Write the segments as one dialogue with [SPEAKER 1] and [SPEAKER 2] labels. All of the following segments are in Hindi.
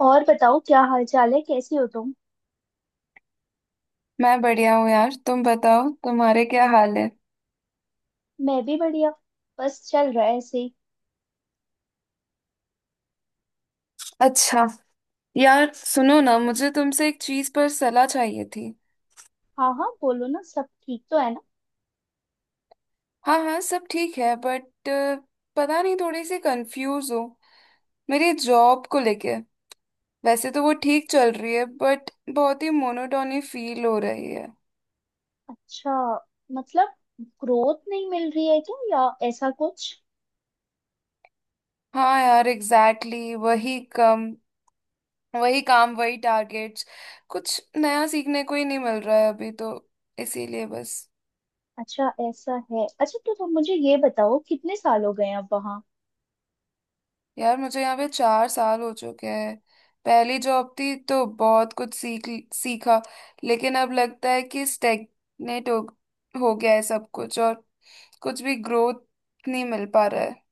[SPEAKER 1] और बताओ, क्या हाल चाल है? कैसी हो तुम?
[SPEAKER 2] मैं बढ़िया हूँ यार। तुम बताओ तुम्हारे क्या हाल है।
[SPEAKER 1] मैं भी बढ़िया। बस चल रहा है ऐसे ही।
[SPEAKER 2] अच्छा। यार सुनो ना, मुझे तुमसे एक चीज पर सलाह चाहिए थी।
[SPEAKER 1] हाँ हाँ, बोलो ना। सब ठीक तो है ना?
[SPEAKER 2] हाँ हाँ सब ठीक है बट पता नहीं थोड़ी सी कंफ्यूज हूँ मेरी जॉब को लेके। वैसे तो वो ठीक चल रही है बट बहुत ही मोनोटोनी फील हो रही है।
[SPEAKER 1] अच्छा। मतलब ग्रोथ नहीं मिल रही है क्या, या ऐसा कुछ?
[SPEAKER 2] हाँ यार एग्जैक्टली, वही काम वही टारगेट्स। कुछ नया सीखने को ही नहीं मिल रहा है अभी तो। इसीलिए बस।
[SPEAKER 1] अच्छा ऐसा है। अच्छा, तो तुम मुझे ये बताओ, कितने साल हो गए हैं अब वहाँ?
[SPEAKER 2] यार मुझे यहाँ पे 4 साल हो चुके हैं। पहली जॉब थी तो बहुत कुछ सीखा। लेकिन अब लगता है कि स्टेग्नेट हो गया है सब कुछ, और कुछ भी ग्रोथ नहीं मिल पा रहा है।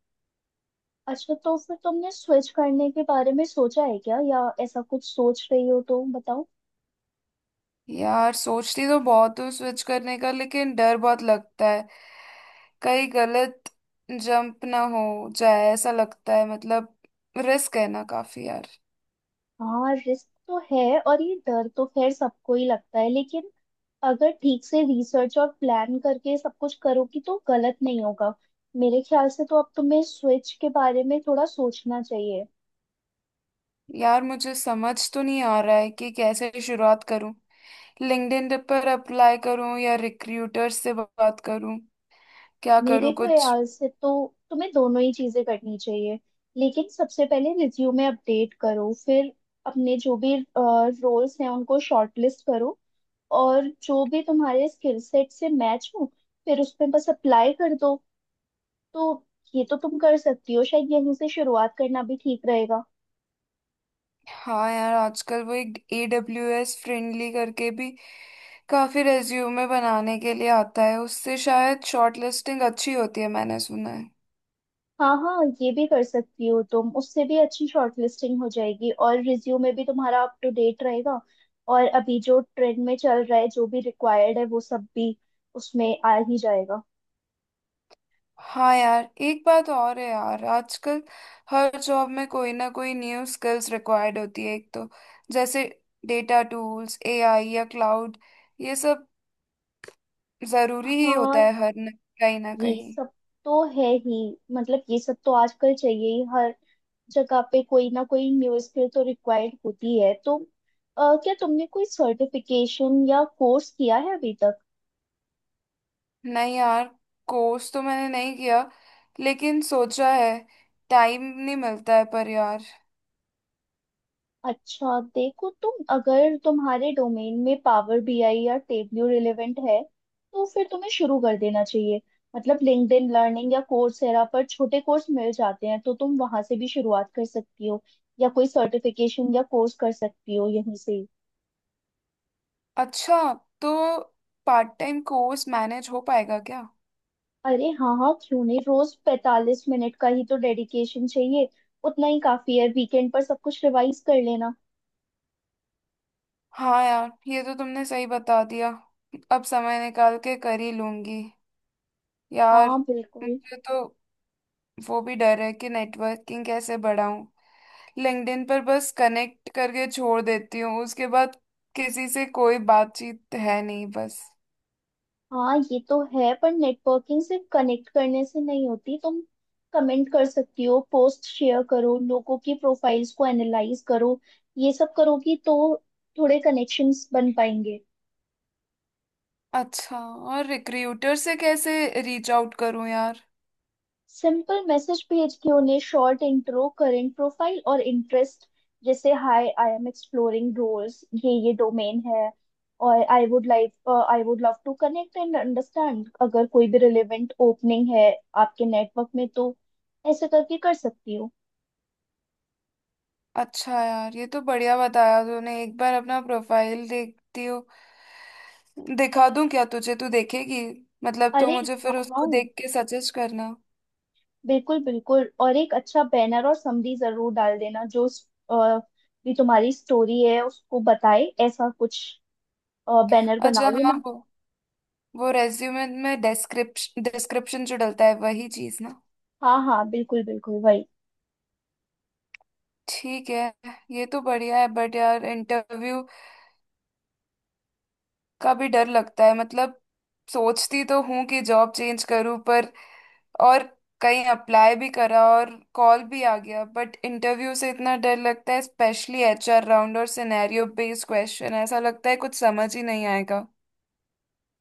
[SPEAKER 1] अच्छा, तो फिर तुमने स्विच करने के बारे में सोचा है क्या, या ऐसा कुछ सोच रही हो तो बताओ।
[SPEAKER 2] यार सोचती तो बहुत हूँ स्विच करने का लेकिन डर बहुत लगता है, कहीं गलत जंप ना हो जाए, ऐसा लगता है। मतलब रिस्क है ना काफी यार।
[SPEAKER 1] हाँ, रिस्क तो है, और ये डर तो खैर सबको ही लगता है। लेकिन अगर ठीक से रिसर्च और प्लान करके सब कुछ करोगी तो गलत नहीं होगा। मेरे ख्याल से तो अब तुम्हें स्विच के बारे में थोड़ा सोचना चाहिए।
[SPEAKER 2] यार मुझे समझ तो नहीं आ रहा है कि कैसे शुरुआत करूँ। लिंक्डइन पर अप्लाई करूं या रिक्रूटर से बात करूं, क्या
[SPEAKER 1] मेरे
[SPEAKER 2] करूं कुछ।
[SPEAKER 1] ख्याल से तो तुम्हें दोनों ही चीजें करनी चाहिए, लेकिन सबसे पहले रिज्यूमे अपडेट करो। फिर अपने जो भी रोल्स हैं उनको शॉर्टलिस्ट करो, और जो भी तुम्हारे स्किल सेट से मैच हो फिर उस पे बस अप्लाई कर दो। तो ये तो तुम कर सकती हो, शायद यहीं से शुरुआत करना भी ठीक रहेगा।
[SPEAKER 2] हाँ यार आजकल वो एक ए डब्ल्यू एस फ्रेंडली करके भी काफी रेज्यूमे बनाने के लिए आता है, उससे शायद शॉर्ट लिस्टिंग अच्छी होती है, मैंने सुना है।
[SPEAKER 1] हाँ हाँ, ये भी कर सकती हो तुम। उससे भी अच्छी शॉर्टलिस्टिंग हो जाएगी और रिज्यूमे भी तुम्हारा अप टू डेट रहेगा। और अभी जो ट्रेंड में चल रहा है, जो भी रिक्वायर्ड है वो सब भी उसमें आ ही जाएगा।
[SPEAKER 2] हाँ यार एक बात और है यार आजकल हर जॉब में कोई ना कोई न्यू स्किल्स रिक्वायर्ड होती है एक तो, जैसे डेटा टूल्स एआई या क्लाउड, ये सब जरूरी ही होता
[SPEAKER 1] हाँ,
[SPEAKER 2] है हर कहीं ना
[SPEAKER 1] ये
[SPEAKER 2] कहीं।
[SPEAKER 1] सब तो है ही। मतलब ये सब तो आजकल चाहिए ही। हर जगह पे कोई ना कोई न्यू स्किल तो रिक्वायर्ड होती है, तो क्या तुमने कोई सर्टिफिकेशन या कोर्स किया है अभी तक?
[SPEAKER 2] नहीं यार, कोर्स तो मैंने नहीं किया लेकिन सोचा है, टाइम नहीं मिलता है पर यार।
[SPEAKER 1] अच्छा देखो, तुम अगर तुम्हारे डोमेन में पावर बीआई या टेबल्यू रिलेवेंट है तो फिर तुम्हें शुरू कर देना चाहिए। मतलब लिंक्डइन लर्निंग या कोर्सेरा पर छोटे कोर्स मिल जाते हैं, तो तुम वहां से भी शुरुआत कर सकती हो, या कोई सर्टिफिकेशन या कोर्स कर सकती हो यहीं से ही।
[SPEAKER 2] अच्छा। तो पार्ट टाइम कोर्स मैनेज हो पाएगा क्या?
[SPEAKER 1] अरे हाँ हाँ, क्यों नहीं। रोज 45 मिनट का ही तो डेडिकेशन चाहिए। उतना ही काफी है, वीकेंड पर सब कुछ रिवाइज कर लेना।
[SPEAKER 2] हाँ यार ये तो तुमने सही बता दिया, अब समय निकाल के कर ही लूंगी यार।
[SPEAKER 1] हाँ बिल्कुल।
[SPEAKER 2] मुझे तो वो भी डर है कि नेटवर्किंग कैसे बढ़ाऊं। लिंक्डइन पर बस कनेक्ट करके छोड़ देती हूँ, उसके बाद किसी से कोई बातचीत है नहीं बस।
[SPEAKER 1] हाँ ये तो है, पर नेटवर्किंग सिर्फ कनेक्ट करने से नहीं होती। तुम कमेंट कर सकती हो, पोस्ट शेयर करो, लोगों की प्रोफाइल्स को एनालाइज करो। ये सब करोगी तो थोड़े कनेक्शंस बन पाएंगे।
[SPEAKER 2] अच्छा। और रिक्रूटर से कैसे रीच आउट करूं यार?
[SPEAKER 1] सिंपल मैसेज भेज के उन्हें शॉर्ट इंट्रो, करेंट प्रोफाइल और इंटरेस्ट। जैसे hi I am exploring roles, ये डोमेन है, और I would love to connect and understand, अगर कोई भी रिलेवेंट ओपनिंग है आपके नेटवर्क में तो। ऐसे करके कर सकती हूँ।
[SPEAKER 2] अच्छा यार ये तो बढ़िया बताया तूने। एक बार अपना प्रोफाइल देखती हो, दिखा दूं क्या तुझे, तू देखेगी? मतलब तू
[SPEAKER 1] अरे
[SPEAKER 2] मुझे
[SPEAKER 1] हाँ
[SPEAKER 2] फिर
[SPEAKER 1] हाँ,
[SPEAKER 2] उसको देख के सजेस्ट करना।
[SPEAKER 1] बिल्कुल बिल्कुल। और एक अच्छा बैनर और समरी जरूर डाल देना, जो भी तुम्हारी स्टोरी है उसको बताए, ऐसा कुछ बैनर बना
[SPEAKER 2] अच्छा हाँ
[SPEAKER 1] लेना।
[SPEAKER 2] वो रेज्यूमे में डिस्क्रिप्शन डिस्क्रिप्शन जो डलता है वही चीज ना।
[SPEAKER 1] हाँ हाँ, बिल्कुल बिल्कुल, वही।
[SPEAKER 2] ठीक है। ये तो बढ़िया है बट यार इंटरव्यू का भी डर लगता है मतलब। सोचती तो हूँ कि जॉब चेंज करूँ पर, और कहीं अप्लाई भी करा और कॉल भी आ गया बट इंटरव्यू से इतना डर लगता है, स्पेशली एचआर राउंड और सिनेरियो बेस्ड क्वेश्चन। ऐसा लगता है कुछ समझ ही नहीं आएगा।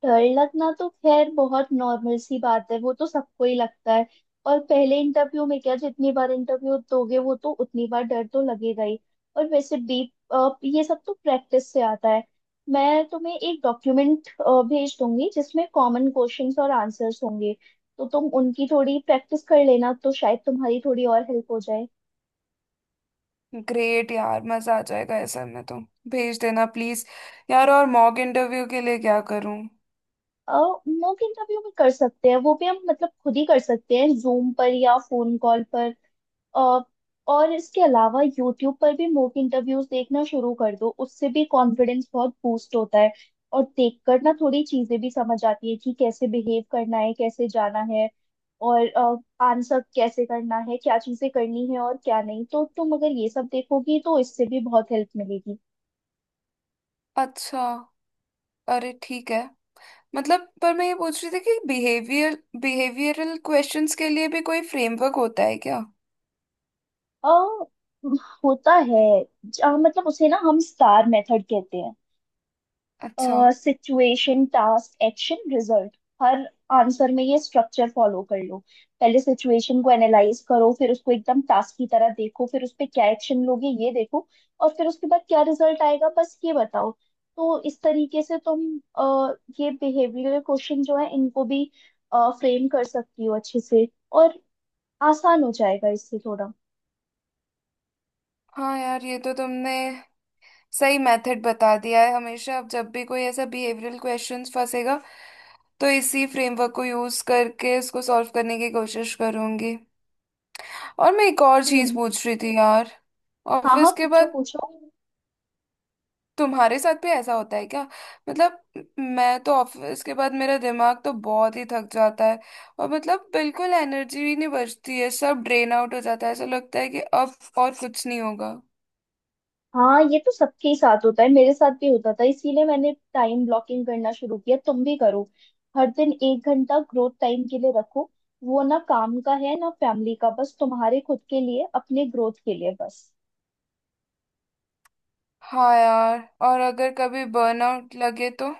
[SPEAKER 1] डर लगना तो खैर बहुत नॉर्मल सी बात है, वो तो सबको ही लगता है। और पहले इंटरव्यू में क्या, जितनी बार इंटरव्यू दोगे वो तो उतनी बार डर तो लगेगा ही। और वैसे भी ये सब तो प्रैक्टिस से आता है। मैं तुम्हें एक डॉक्यूमेंट भेज दूंगी जिसमें कॉमन क्वेश्चंस और आंसर्स होंगे। तो तुम उनकी थोड़ी प्रैक्टिस कर लेना तो शायद तुम्हारी थोड़ी और हेल्प हो जाए।
[SPEAKER 2] ग्रेट यार मजा आ जाएगा ऐसे में तो। भेज देना प्लीज। यार और मॉक इंटरव्यू के लिए क्या करूं?
[SPEAKER 1] मॉक इंटरव्यू भी कर सकते हैं। वो भी हम मतलब खुद ही कर सकते हैं जूम पर या फोन कॉल पर। अ, और इसके अलावा यूट्यूब पर भी मॉक इंटरव्यूज देखना शुरू कर दो, उससे भी कॉन्फिडेंस बहुत बूस्ट होता है। और देखकर ना थोड़ी चीजें भी समझ आती है कि कैसे बिहेव करना है, कैसे जाना है और आंसर कैसे करना है, क्या चीजें करनी है और क्या नहीं। तो तुम अगर ये सब देखोगी तो इससे भी बहुत हेल्प मिलेगी।
[SPEAKER 2] अच्छा। अरे ठीक है। मतलब पर मैं ये पूछ रही थी कि बिहेवियरल क्वेश्चंस के लिए भी कोई फ्रेमवर्क होता है क्या?
[SPEAKER 1] अ होता है। मतलब उसे ना हम स्टार मेथड कहते हैं।
[SPEAKER 2] अच्छा।
[SPEAKER 1] Situation, task, action, result. हर आंसर में ये स्ट्रक्चर फॉलो कर लो। पहले सिचुएशन को एनालाइज करो, फिर उसको एकदम टास्क की तरह देखो, फिर उस पे क्या एक्शन लोगे ये देखो, और फिर उसके बाद क्या रिजल्ट आएगा, बस ये बताओ। तो इस तरीके से तुम अ, ये बिहेवियरल क्वेश्चन जो है इनको भी फ्रेम कर सकती हो अच्छे से, और आसान हो जाएगा इससे थोड़ा।
[SPEAKER 2] हाँ यार ये तो तुमने सही मेथड बता दिया है हमेशा, अब जब भी कोई ऐसा बिहेवियरल क्वेश्चंस फंसेगा तो इसी फ्रेमवर्क को यूज करके इसको सॉल्व करने की कोशिश करूंगी। और मैं एक और चीज
[SPEAKER 1] हम्म।
[SPEAKER 2] पूछ रही थी यार,
[SPEAKER 1] हाँ हाँ,
[SPEAKER 2] ऑफिस के
[SPEAKER 1] पूछो
[SPEAKER 2] बाद
[SPEAKER 1] पूछो।
[SPEAKER 2] तुम्हारे साथ भी ऐसा होता है क्या? मतलब मैं तो ऑफिस के बाद मेरा दिमाग तो बहुत ही थक जाता है, और मतलब बिल्कुल एनर्जी ही नहीं बचती है, सब ड्रेन आउट हो जाता है, ऐसा लगता है कि अब और कुछ नहीं होगा।
[SPEAKER 1] हाँ, ये तो सबके ही साथ होता है। मेरे साथ भी होता था, इसीलिए मैंने टाइम ब्लॉकिंग करना शुरू किया। तुम भी करो, हर दिन 1 घंटा ग्रोथ टाइम के लिए रखो। वो ना काम का है ना फैमिली का, बस तुम्हारे खुद के लिए, अपने ग्रोथ के लिए बस।
[SPEAKER 2] हाँ यार। और अगर कभी बर्नआउट लगे तो?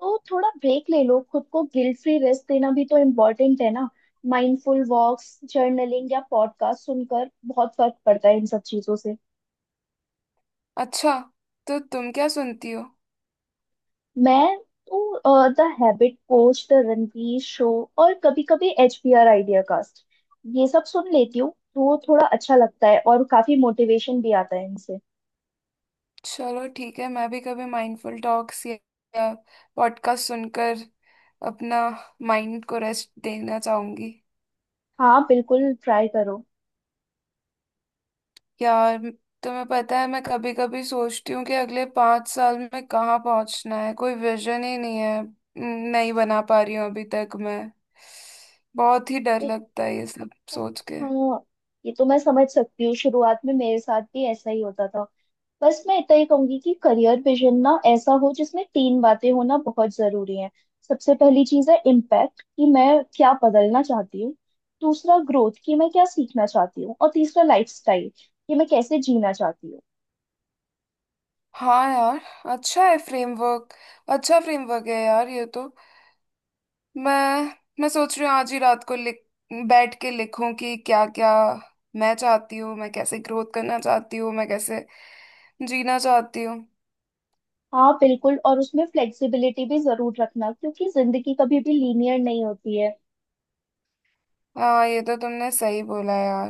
[SPEAKER 1] तो थोड़ा ब्रेक ले लो, खुद को गिल्ट फ्री रेस्ट देना भी तो इम्पोर्टेंट है ना। माइंडफुल वॉक्स, जर्नलिंग या पॉडकास्ट सुनकर बहुत फर्क पड़ता है इन सब चीजों से।
[SPEAKER 2] अच्छा। तो तुम क्या सुनती हो?
[SPEAKER 1] मैं तो the habit coach, the Ranveer show, और कभी कभी H B R ideacast, ये सब सुन लेती हूँ। तो थोड़ा अच्छा लगता है और काफी मोटिवेशन भी आता है इनसे।
[SPEAKER 2] चलो ठीक है, मैं भी कभी माइंडफुल टॉक्स या पॉडकास्ट सुनकर अपना माइंड को रेस्ट देना चाहूंगी।
[SPEAKER 1] हाँ बिल्कुल, ट्राई करो।
[SPEAKER 2] यार तुम्हें पता है मैं कभी कभी सोचती हूँ कि अगले 5 साल में कहाँ पहुंचना है, कोई विजन ही नहीं है, नहीं बना पा रही हूँ अभी तक मैं। बहुत ही डर
[SPEAKER 1] देखो।
[SPEAKER 2] लगता है ये सब सोच के।
[SPEAKER 1] हाँ, ये तो मैं समझ सकती हूँ। शुरुआत में मेरे साथ भी ऐसा ही होता था। बस मैं इतना ही कहूंगी कि करियर विजन ना ऐसा हो जिसमें तीन बातें होना बहुत जरूरी है। सबसे पहली चीज है इम्पैक्ट, कि मैं क्या बदलना चाहती हूँ। दूसरा ग्रोथ, कि मैं क्या सीखना चाहती हूँ, और तीसरा लाइफस्टाइल, कि मैं कैसे जीना चाहती हूँ।
[SPEAKER 2] हाँ यार, अच्छा है फ्रेमवर्क, अच्छा फ्रेमवर्क है यार ये तो। मैं मैं सोच रही हूँ आज ही रात को लिख बैठ के लिखूं कि क्या क्या मैं चाहती हूँ, मैं कैसे ग्रोथ करना चाहती हूँ, मैं कैसे जीना चाहती हूँ।
[SPEAKER 1] हाँ बिल्कुल, और उसमें फ्लेक्सिबिलिटी भी जरूर रखना, क्योंकि जिंदगी कभी भी लीनियर नहीं होती है।
[SPEAKER 2] हाँ ये तो तुमने सही बोला यार।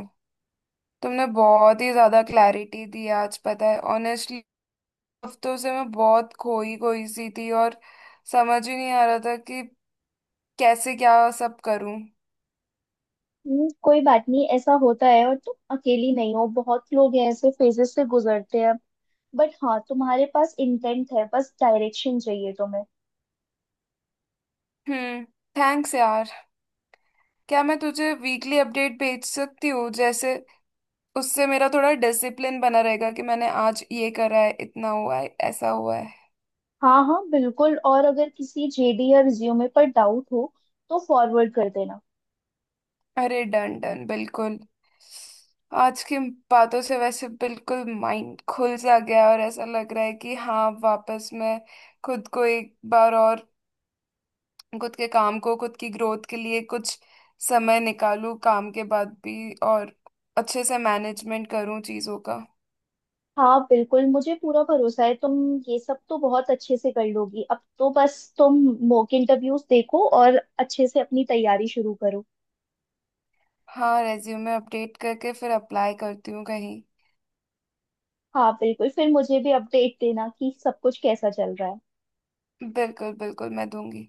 [SPEAKER 2] तुमने बहुत ही ज्यादा क्लैरिटी दी आज, पता है, ऑनेस्टली हफ्तों से मैं बहुत खोई खोई सी थी और समझ ही नहीं आ रहा था कि कैसे क्या सब करूं।
[SPEAKER 1] कोई बात नहीं, ऐसा होता है। और तुम अकेली नहीं हो, बहुत लोग हैं ऐसे फेजेस से गुजरते हैं। बट हाँ, तुम्हारे पास इंटेंट है, बस डायरेक्शन चाहिए तुम्हें।
[SPEAKER 2] हम्म। थैंक्स यार। क्या मैं तुझे वीकली अपडेट भेज सकती हूँ जैसे? उससे मेरा थोड़ा डिसिप्लिन बना रहेगा कि मैंने आज ये करा है, इतना हुआ है, ऐसा हुआ है।
[SPEAKER 1] हाँ हाँ बिल्कुल, और अगर किसी जेडी या रिज्यूमे पर डाउट हो तो फॉरवर्ड कर देना।
[SPEAKER 2] अरे डन डन बिल्कुल। आज की बातों से वैसे बिल्कुल माइंड खुल सा गया, और ऐसा लग रहा है कि हाँ वापस मैं खुद को एक बार और खुद के काम को, खुद की ग्रोथ के लिए कुछ समय निकालूं काम के बाद भी, और अच्छे से मैनेजमेंट करूं चीज़ों का।
[SPEAKER 1] हाँ बिल्कुल, मुझे पूरा भरोसा है तुम ये सब तो बहुत अच्छे से कर लोगी। अब तो बस तुम मॉक इंटरव्यूज देखो और अच्छे से अपनी तैयारी शुरू करो।
[SPEAKER 2] हाँ रेज्यूमे अपडेट करके फिर अप्लाई करती हूँ कहीं।
[SPEAKER 1] हाँ बिल्कुल, फिर मुझे भी अपडेट देना कि सब कुछ कैसा चल रहा है।
[SPEAKER 2] बिल्कुल बिल्कुल मैं दूंगी।